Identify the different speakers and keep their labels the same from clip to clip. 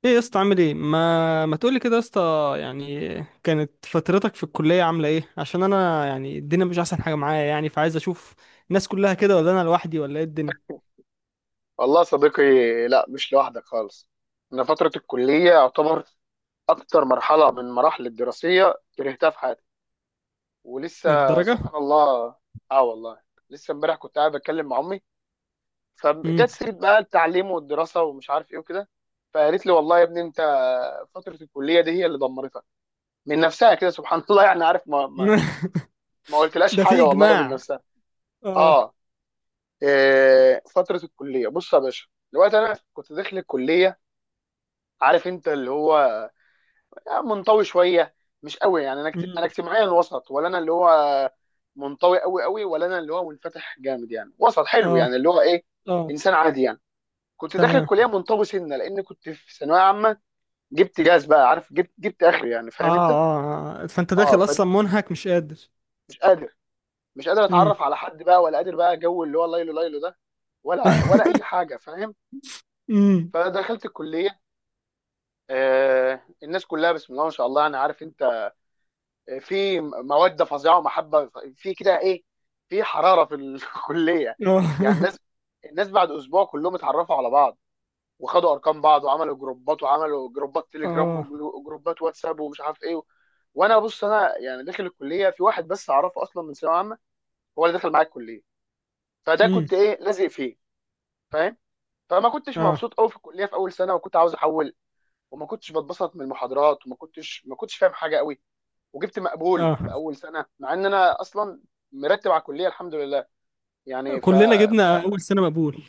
Speaker 1: ايه يا اسطى؟ عامل ايه؟ ما تقولي كده يا اسطى يعني. كانت فترتك في الكلية عاملة ايه؟ عشان انا يعني الدنيا مش احسن حاجة معايا يعني، فعايز اشوف الناس كلها كده ولا انا لوحدي ولا ايه الدنيا.
Speaker 2: والله يا صديقي، لا مش لوحدك خالص. أنا فترة الكلية يعتبر أكتر مرحلة من مراحل الدراسية كرهتها في حياتي، ولسه
Speaker 1: للدرجة؟
Speaker 2: سبحان الله. آه والله. لسه امبارح كنت قاعد بتكلم مع أمي،
Speaker 1: امم
Speaker 2: فجت سيرة بقى التعليم والدراسة ومش عارف إيه وكده. فقالت لي والله يا ابني أنت فترة الكلية دي هي اللي دمرتك، من نفسها كده سبحان الله. يعني عارف، ما قلتلاش
Speaker 1: ده في
Speaker 2: حاجة والله من
Speaker 1: اجماع.
Speaker 2: نفسها.
Speaker 1: اه.
Speaker 2: آه. إيه، فترة الكلية بص يا باشا. دلوقتي أنا كنت داخل الكلية، عارف أنت اللي هو منطوي شويه، مش قوي. يعني انا انا
Speaker 1: امم
Speaker 2: اجتماعيا وسط، ولا انا اللي هو منطوي قوي قوي، ولا انا اللي هو منفتح جامد، يعني وسط حلو،
Speaker 1: اه
Speaker 2: يعني اللي هو ايه،
Speaker 1: اه.
Speaker 2: انسان عادي يعني. كنت داخل
Speaker 1: تمام.
Speaker 2: الكليه منطوي سنه، لان كنت في ثانويه عامه، جبت جاز بقى عارف، جبت اخري، يعني
Speaker 1: اه
Speaker 2: فاهم انت.
Speaker 1: اه آه. فانت
Speaker 2: اه،
Speaker 1: داخل
Speaker 2: فمش
Speaker 1: اصلا منهك مش قادر.
Speaker 2: قادر، مش قادر
Speaker 1: امم
Speaker 2: اتعرف على حد بقى، ولا قادر بقى جو اللي هو ليلو ليلو ده، ولا اي حاجه، فاهم.
Speaker 1: امم
Speaker 2: فدخلت الكليه، آه الناس كلها بسم الله ما شاء الله، انا عارف انت، في موده فظيعه ومحبه في كده ايه، في حراره في الكليه. يعني
Speaker 1: اه
Speaker 2: الناس، الناس بعد اسبوع كلهم اتعرفوا على بعض، وخدوا ارقام بعض، وعملوا جروبات، وعملوا جروبات تليجرام
Speaker 1: اه.
Speaker 2: وجروبات واتساب ومش عارف ايه. وانا بص، انا يعني داخل الكليه في واحد بس اعرفه، اصلا من ثانويه عامه، هو اللي دخل معايا الكليه، فده كنت
Speaker 1: امم
Speaker 2: ايه، لازق فيه، فاهم. فما كنتش
Speaker 1: اه
Speaker 2: مبسوط قوي في الكليه في اول سنه، وكنت عاوز احول. وما كنتش بتبسط من المحاضرات، وما كنتش ما كنتش فاهم حاجه قوي، وجبت مقبول في
Speaker 1: اه.
Speaker 2: اول سنه، مع ان انا اصلا مرتب على الكليه الحمد لله. يعني
Speaker 1: كلنا
Speaker 2: ف...
Speaker 1: جبنا اول سنة مقبول.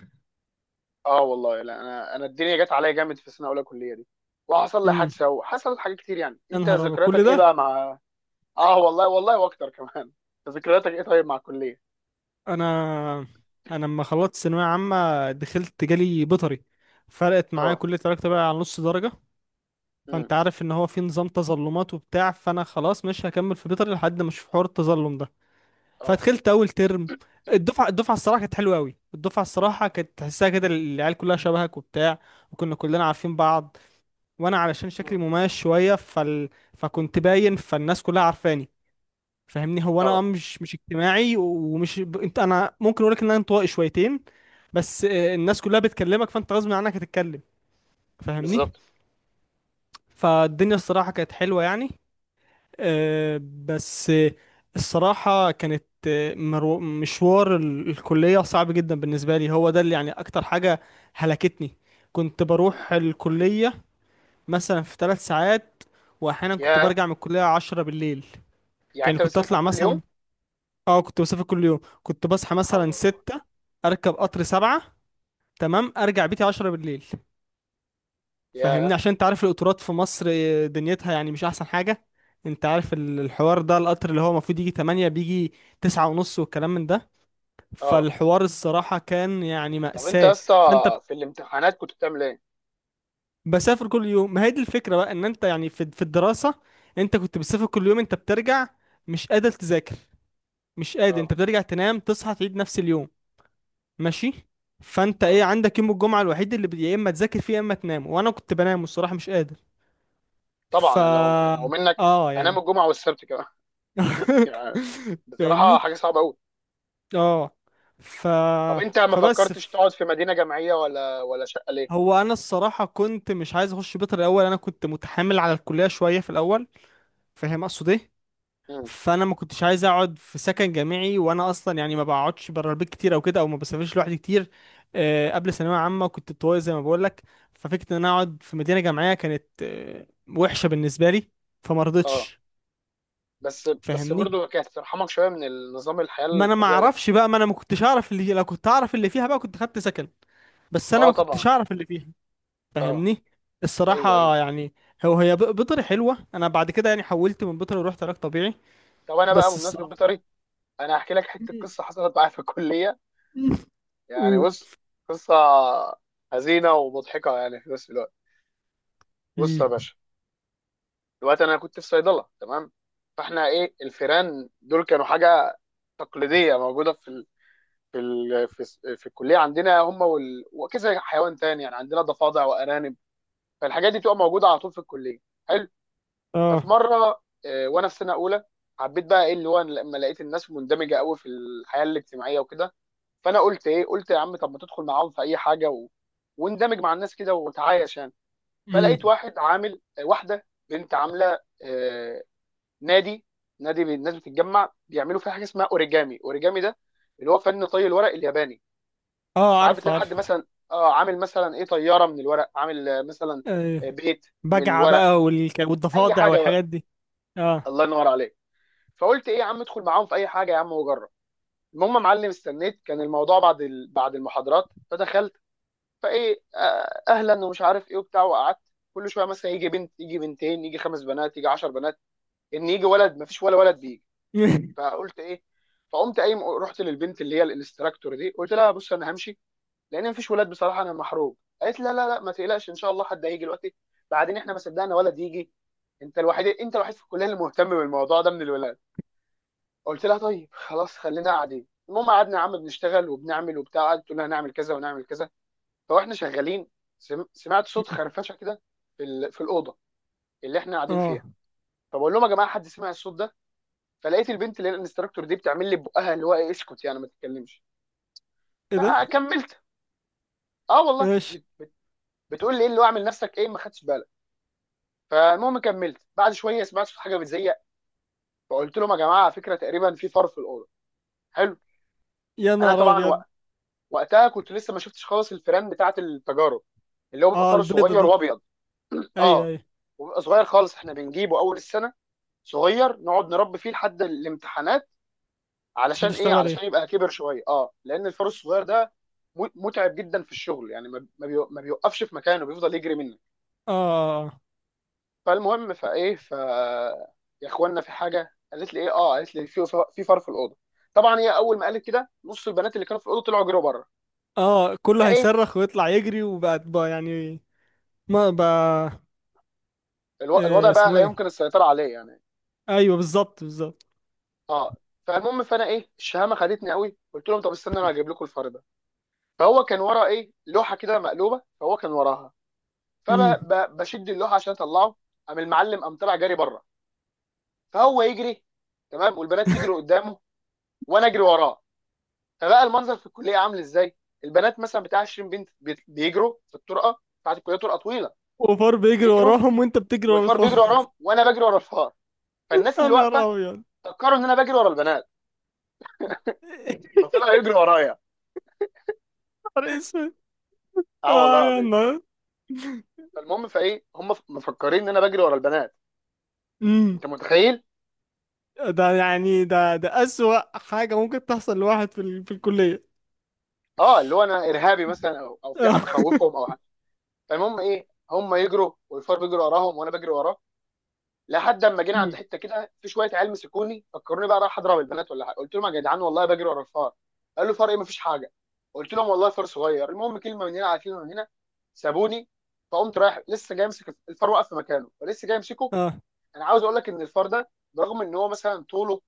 Speaker 2: اه والله، لا انا الدنيا جت عليا جامد في سنه اولى كليه دي، وحصل لي
Speaker 1: امم
Speaker 2: حادثه، وحصلت حاجات كتير. يعني
Speaker 1: يا
Speaker 2: انت
Speaker 1: نهار ابيض كل
Speaker 2: ذكرياتك ايه
Speaker 1: ده!
Speaker 2: بقى مع، اه والله والله واكتر كمان أنت ذكرياتك ايه طيب مع الكليه؟
Speaker 1: انا انا لما خلصت ثانويه عامه دخلت جالي بيطري، فرقت معايا
Speaker 2: اه،
Speaker 1: كليه علاقه بقى على نص درجه.
Speaker 2: امم،
Speaker 1: فانت عارف ان هو في نظام تظلمات وبتاع، فانا خلاص مش هكمل في بيطري لحد ما اشوف حوار التظلم ده.
Speaker 2: اه،
Speaker 1: فدخلت اول ترم، الدفعه الصراحه كانت حلوه قوي، الدفعه الصراحه كانت تحسها كده العيال كلها شبهك وبتاع، وكنا كلنا عارفين بعض. وانا علشان شكلي
Speaker 2: امم،
Speaker 1: مميز شويه فكنت باين، فالناس كلها عارفاني فاهمني. هو انا آه،
Speaker 2: اه،
Speaker 1: مش اجتماعي ومش انت، انا ممكن اقول لك ان انا انطوائي شويتين، بس آه، الناس كلها بتكلمك، فانت غصب عنك هتتكلم فاهمني.
Speaker 2: بالظبط.
Speaker 1: فالدنيا الصراحة كانت حلوة يعني. آه، بس آه، الصراحة كانت آه، مشوار الكلية صعب جدا بالنسبة لي، هو ده اللي يعني اكتر حاجة هلكتني. كنت
Speaker 2: مم.
Speaker 1: بروح الكلية مثلا في 3 ساعات، واحيانا كنت
Speaker 2: يا،
Speaker 1: برجع من الكلية 10 بالليل.
Speaker 2: يعني
Speaker 1: يعني
Speaker 2: انت
Speaker 1: كنت
Speaker 2: بتسافر
Speaker 1: اطلع
Speaker 2: كل
Speaker 1: مثلا،
Speaker 2: يوم؟
Speaker 1: اه، كنت بسافر كل يوم. كنت بصحى
Speaker 2: لا حول
Speaker 1: مثلا
Speaker 2: ولا قوه.
Speaker 1: 6، اركب قطر 7، تمام، ارجع بيتي 10 بالليل. فاهمني؟
Speaker 2: يا،
Speaker 1: عشان انت عارف القطورات في مصر آه، دنيتها يعني مش احسن حاجة. انت عارف الحوار ده، القطر اللي هو المفروض يجي 8 بيجي 9:30 والكلام من ده.
Speaker 2: اه.
Speaker 1: فالحوار الصراحة كان يعني
Speaker 2: طب انت يا
Speaker 1: مأساة.
Speaker 2: اسطى
Speaker 1: فانت
Speaker 2: في الامتحانات كنت بتعمل ايه؟
Speaker 1: بسافر كل يوم، ما هي دي الفكرة بقى، ان انت يعني في الدراسة، انت كنت بتسافر كل يوم، انت بترجع مش قادر تذاكر، مش قادر،
Speaker 2: اه،
Speaker 1: انت بترجع تنام، تصحى، تعيد نفس اليوم ماشي. فانت ايه
Speaker 2: اه
Speaker 1: عندك؟ يوم الجمعه الوحيد اللي يا اما تذاكر فيه يا اما تنام، وانا كنت بنام الصراحه مش قادر.
Speaker 2: طبعا.
Speaker 1: ف
Speaker 2: أنا لو منك
Speaker 1: اه
Speaker 2: هنام
Speaker 1: يعني.
Speaker 2: الجمعه والسبت كمان يعني بصراحه
Speaker 1: فاهمني.
Speaker 2: حاجه صعبه قوي.
Speaker 1: اه. ف
Speaker 2: طب انت ما
Speaker 1: فبس
Speaker 2: فكرتش
Speaker 1: ف...
Speaker 2: تقعد في مدينه جامعيه ولا شقه ليه؟
Speaker 1: هو انا الصراحه كنت مش عايز اخش بيطري الاول، انا كنت متحامل على الكليه شويه في الاول، فاهم اقصد ايه؟
Speaker 2: امم،
Speaker 1: فانا ما كنتش عايز اقعد في سكن جامعي، وانا اصلا يعني ما بقعدش بره البيت كتير او كده، او ما بسافرش لوحدي كتير. آه، قبل ثانويه عامه كنت طويل زي ما بقول لك. ففكره ان انا اقعد في مدينه جامعيه كانت آه، وحشه بالنسبه لي، فما
Speaker 2: اه.
Speaker 1: رضيتش.
Speaker 2: بس بس
Speaker 1: فاهمني؟
Speaker 2: برضه كانت ترحمك شويه من النظام الحياه
Speaker 1: ما انا ما
Speaker 2: الفظيع ده.
Speaker 1: اعرفش بقى، ما انا ما كنتش اعرف اللي، لو كنت اعرف اللي فيها بقى كنت خدت سكن، بس انا
Speaker 2: اه
Speaker 1: ما
Speaker 2: طبعا.
Speaker 1: كنتش اعرف اللي فيها
Speaker 2: اه.
Speaker 1: فاهمني.
Speaker 2: ايوه ايوه.
Speaker 1: الصراحه يعني. هو هي بيطري حلوه، انا بعد كده يعني حولت من بيطري ورحت علاج طبيعي،
Speaker 2: طب انا بقى
Speaker 1: بس
Speaker 2: بمناسبه
Speaker 1: الصراحه.
Speaker 2: بيطري، انا هحكي لك حته قصه حصلت معايا في الكليه، يعني بص، قصه حزينه ومضحكه يعني في نفس الوقت. بص يا
Speaker 1: أمم.
Speaker 2: باشا، دلوقتي انا كنت في صيدله تمام. فاحنا ايه، الفيران دول كانوا حاجه تقليديه موجوده في في الكليه عندنا هم، وكذا حيوان تاني، يعني عندنا ضفادع وارانب، فالحاجات دي بتبقى موجوده على طول في الكليه، حلو. ففي
Speaker 1: اه.
Speaker 2: مره وانا في سنه اولى، حبيت بقى ايه اللي هو، أنا لما لقيت الناس مندمجه قوي في الحياه الاجتماعيه وكده، فانا قلت ايه، قلت يا عم طب ما تدخل معاهم في اي حاجه واندمج مع الناس كده وتعايش يعني. فلقيت
Speaker 1: امم.
Speaker 2: واحد عامل واحده بنت عامله نادي، الناس بتتجمع بيعملوا فيها حاجه اسمها اوريجامي. اوريجامي ده اللي هو فن طي الورق الياباني.
Speaker 1: اه.
Speaker 2: ساعات
Speaker 1: عارف
Speaker 2: بتلاقي حد
Speaker 1: عارف.
Speaker 2: مثلا اه عامل مثلا ايه طياره من الورق، عامل مثلا
Speaker 1: ايوه،
Speaker 2: بيت من
Speaker 1: بجعة
Speaker 2: الورق،
Speaker 1: بقى
Speaker 2: اي
Speaker 1: والضفادع
Speaker 2: حاجه بقى،
Speaker 1: والحاجات دي. اه.
Speaker 2: الله ينور عليك. فقلت ايه يا عم، ادخل معاهم في اي حاجه يا عم وجرب. المهم يا معلم استنيت، كان الموضوع بعد بعد المحاضرات، فدخلت، فايه اهلا ومش عارف ايه وبتاع، وقعدت. كل شويه مثلا يجي بنت، يجي بنتين، يجي خمس بنات، يجي عشر بنات، ان يجي ولد مفيش ولا ولد بيجي. فقلت ايه، فقمت قايم رحت للبنت اللي هي الانستراكتور دي، قلت لها بص انا همشي، لان مفيش ولاد بصراحه انا محروق. قالت لا لا لا ما تقلقش ان شاء الله حد هيجي دلوقتي، بعدين احنا ما صدقنا ولد يجي، انت الوحيد، انت الوحيد في الكليه اللي مهتم بالموضوع ده من الولاد. قلت لها طيب خلاص خلينا قاعدين. المهم قعدنا يا عم بنشتغل وبنعمل وبتاع، قعدت تقول لنا هنعمل كذا ونعمل كذا، فاحنا شغالين. سمعت صوت خرفشه كده في في الاوضه اللي احنا قاعدين
Speaker 1: اه.
Speaker 2: فيها. فبقول لهم يا جماعه حد سمع الصوت ده، فلقيت البنت اللي هي الانستراكتور دي بتعمل لي بقها اللي هو ايه اسكت، يعني ما تتكلمش.
Speaker 1: ايه ده؟
Speaker 2: فكملت، اه والله،
Speaker 1: ايش؟
Speaker 2: بت بت بتقول لي ايه اللي هو اعمل نفسك ايه، ما خدتش بالك. فالمهم كملت، بعد شويه سمعت في حاجه بتزيق، فقلت لهم يا جماعه على فكره تقريبا في فار في الاوضه، حلو.
Speaker 1: يا
Speaker 2: انا
Speaker 1: نهار
Speaker 2: طبعا
Speaker 1: ابيض!
Speaker 2: وقتها كنت لسه ما شفتش خالص الفيران بتاعه التجارب، اللي هو بيبقى
Speaker 1: اه
Speaker 2: فار
Speaker 1: البيضة
Speaker 2: صغير
Speaker 1: دي.
Speaker 2: وابيض.
Speaker 1: ايوه
Speaker 2: اه،
Speaker 1: ايوه.
Speaker 2: وبيبقى صغير خالص، احنا بنجيبه اول السنه صغير، نقعد نربي فيه لحد الامتحانات،
Speaker 1: عشان
Speaker 2: علشان ايه،
Speaker 1: تشتغل
Speaker 2: علشان
Speaker 1: عليه.
Speaker 2: يبقى كبر شويه. اه لان الفار الصغير ده متعب جدا في الشغل، يعني ما بيوقفش في مكانه، بيفضل يجري منك.
Speaker 1: اه اه.
Speaker 2: فالمهم، فايه. يا اخوانا، في حاجه قالت لي ايه، اه قالت لي في فار في الاوضه. طبعا هي اول ما قالت كده، نص البنات اللي كانوا في الاوضه طلعوا جروا بره.
Speaker 1: اه آه، كله
Speaker 2: فانا ايه،
Speaker 1: هيصرخ ويطلع يجري وبقى يعني. ما بقى.
Speaker 2: الوضع
Speaker 1: إيه
Speaker 2: بقى
Speaker 1: اسمه
Speaker 2: لا
Speaker 1: ايه.
Speaker 2: يمكن السيطره عليه يعني.
Speaker 1: ايوه بالظبط بالظبط.
Speaker 2: اه، فالمهم فانا ايه، الشهامه خدتني قوي، قلت لهم طب استنى انا هجيب لكم الفار ده. فهو كان ورا ايه، لوحه كده مقلوبه، فهو كان وراها،
Speaker 1: امم
Speaker 2: فبشد اللوحه عشان اطلعه، قام المعلم قام طلع جري بره. فهو يجري تمام، والبنات تجري قدامه، وانا اجري وراه. فبقى المنظر في الكليه عامل ازاي، البنات مثلا بتاع 20 بنت بيجروا في الطرقه بتاعت الكليه، طرقه طويله،
Speaker 1: وفار بيجري
Speaker 2: بيجروا
Speaker 1: وراهم وانت بتجري ورا
Speaker 2: والفار
Speaker 1: الفار.
Speaker 2: بيجري وراهم، وانا بجري ورا الفار. فالناس
Speaker 1: يا
Speaker 2: اللي
Speaker 1: نهار
Speaker 2: واقفه
Speaker 1: ابيض!
Speaker 2: فكروا ان انا بجري ورا البنات،
Speaker 1: يا
Speaker 2: فطلعوا يجروا ورايا.
Speaker 1: نهار اسود!
Speaker 2: اه والله
Speaker 1: اه يا
Speaker 2: العظيم.
Speaker 1: نهار.
Speaker 2: فالمهم فايه، هم مفكرين ان انا بجري ورا البنات،
Speaker 1: امم
Speaker 2: انت متخيل.
Speaker 1: ده يعني، ده أسوأ حاجة ممكن تحصل لواحد في في الكلية.
Speaker 2: اه اللي هو انا ارهابي مثلا، او في حاجه
Speaker 1: اه.
Speaker 2: بخوفهم او. فالمهم ايه، هم يجروا والفار بيجري وراهم، وانا بجري وراه، لحد اما جينا عند
Speaker 1: مم.
Speaker 2: حته كده، في شويه عيال مسكوني فكروني بقى رايح اضرب البنات ولا حاجه، قلت لهم يا جدعان والله بجري ورا الفار، قالوا فار ايه مفيش حاجه، قلت لهم والله فار صغير. المهم كلمه من هنا على كلمه من هنا سابوني. فقمت رايح لسه جاي امسك الفار، واقف في مكانه فلسه جاي امسكه.
Speaker 1: اه.
Speaker 2: انا عاوز اقول لك ان الفار ده، برغم ان هو مثلا طوله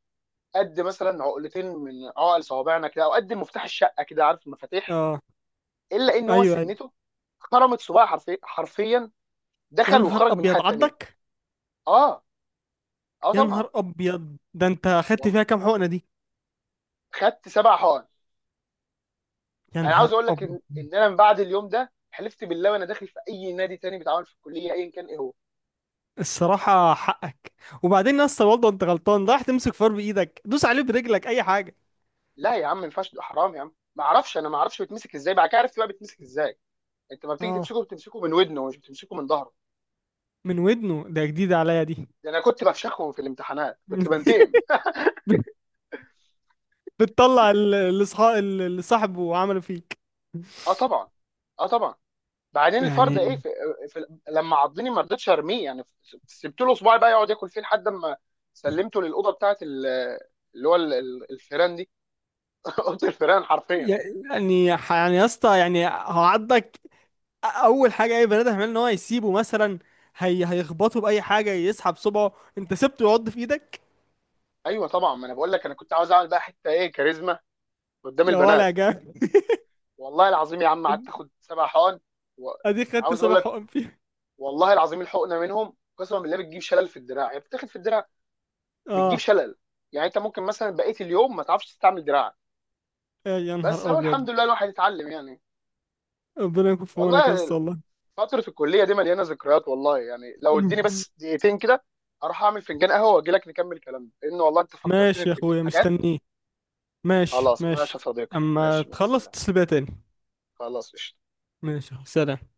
Speaker 2: قد مثلا عقلتين من عقل صوابعنا كده، او قد مفتاح الشقه كده عارف المفاتيح،
Speaker 1: اه.
Speaker 2: الا ان هو
Speaker 1: ايوه ايوه.
Speaker 2: سنته خرمت صباعي حرفيا حرفيا،
Speaker 1: يا
Speaker 2: دخل
Speaker 1: نهار
Speaker 2: وخرج من الناحيه
Speaker 1: ابيض
Speaker 2: الثانيه.
Speaker 1: عدك!
Speaker 2: اه، اه
Speaker 1: يا
Speaker 2: طبعا.
Speaker 1: نهار ابيض! ده انت اخدت
Speaker 2: والله
Speaker 1: فيها كام حقنه دي؟
Speaker 2: خدت 7 حقن.
Speaker 1: يا
Speaker 2: انا
Speaker 1: نهار
Speaker 2: عاوز اقول لك
Speaker 1: ابيض!
Speaker 2: ان انا من بعد اليوم ده حلفت بالله، وانا داخل في اي نادي تاني بيتعامل في الكليه ايا كان ايه هو.
Speaker 1: الصراحه حقك. وبعدين يا اسطى برضه انت غلطان، رايح تمسك فار بايدك، دوس عليه برجلك، اي حاجه.
Speaker 2: لا يا عم ما ينفعش ده حرام يا عم، ما اعرفش، انا ما اعرفش بيتمسك ازاي، بعد كده عرفت بقى بيتمسك ازاي، انت ما بتيجي
Speaker 1: اه،
Speaker 2: تمسكه، بتمسكه من ودنه، مش بتمسكه من ظهره.
Speaker 1: من ودنه ده جديده عليا دي.
Speaker 2: ده انا كنت بفشخهم في الامتحانات، كنت بنتقم.
Speaker 1: بتطلع الاصحاب اللي صاحبه عمله فيك.
Speaker 2: اه طبعا. اه طبعا. بعدين الفرد ايه
Speaker 1: يعني
Speaker 2: في، في لما عضني ما رضيتش ارميه، يعني سبت له صباعي بقى يقعد ياكل فيه، لحد ما سلمته للاوضه بتاعت اللي هو الفيران دي. اوضه الفيران حرفيا.
Speaker 1: يعني يعني يا اسطى، يعني هو عضك، اول حاجه اي بني ادم هيعمل ان هو يسيبه مثلا، هي هيخبطه باي حاجه، يسحب صبعه، انت سبته يعض في ايدك.
Speaker 2: ايوه طبعا، ما انا بقول لك، انا كنت عاوز اعمل بقى حته ايه، كاريزما قدام
Speaker 1: يا ولا يا
Speaker 2: البنات.
Speaker 1: جامد!
Speaker 2: والله العظيم يا عم قعدت اخد 7 حقن، و-
Speaker 1: اديك خدت
Speaker 2: عاوز اقول
Speaker 1: صبع
Speaker 2: لك،
Speaker 1: حقن فيه.
Speaker 2: والله العظيم الحقنه منهم قسما بالله بتجيب شلل في الدراع، يعني بتاخد في الدراع بتجيب
Speaker 1: اه.
Speaker 2: شلل، يعني انت ممكن مثلا بقيه اليوم ما تعرفش تستعمل دراعك،
Speaker 1: يا
Speaker 2: بس
Speaker 1: نهار
Speaker 2: اهو
Speaker 1: ابيض!
Speaker 2: الحمد لله الواحد اتعلم يعني.
Speaker 1: ربنا يكون في عونك يا اسطى
Speaker 2: والله
Speaker 1: والله.
Speaker 2: فترة الكلية دي مليانة ذكريات، والله يعني لو اديني بس دقيقتين كده، اروح اعمل فنجان قهوة واجي لك نكمل كلامنا، لان والله انت فكرتني
Speaker 1: ماشي يا
Speaker 2: بكمية
Speaker 1: اخويا
Speaker 2: حاجات.
Speaker 1: مستنيه. ماشي
Speaker 2: خلاص ماشي
Speaker 1: ماشي.
Speaker 2: يا صديقي،
Speaker 1: اما
Speaker 2: ماشي مع
Speaker 1: تخلص
Speaker 2: السلامة.
Speaker 1: اتصل بيا تاني.
Speaker 2: خلاص قشطة.
Speaker 1: ماشي سلام.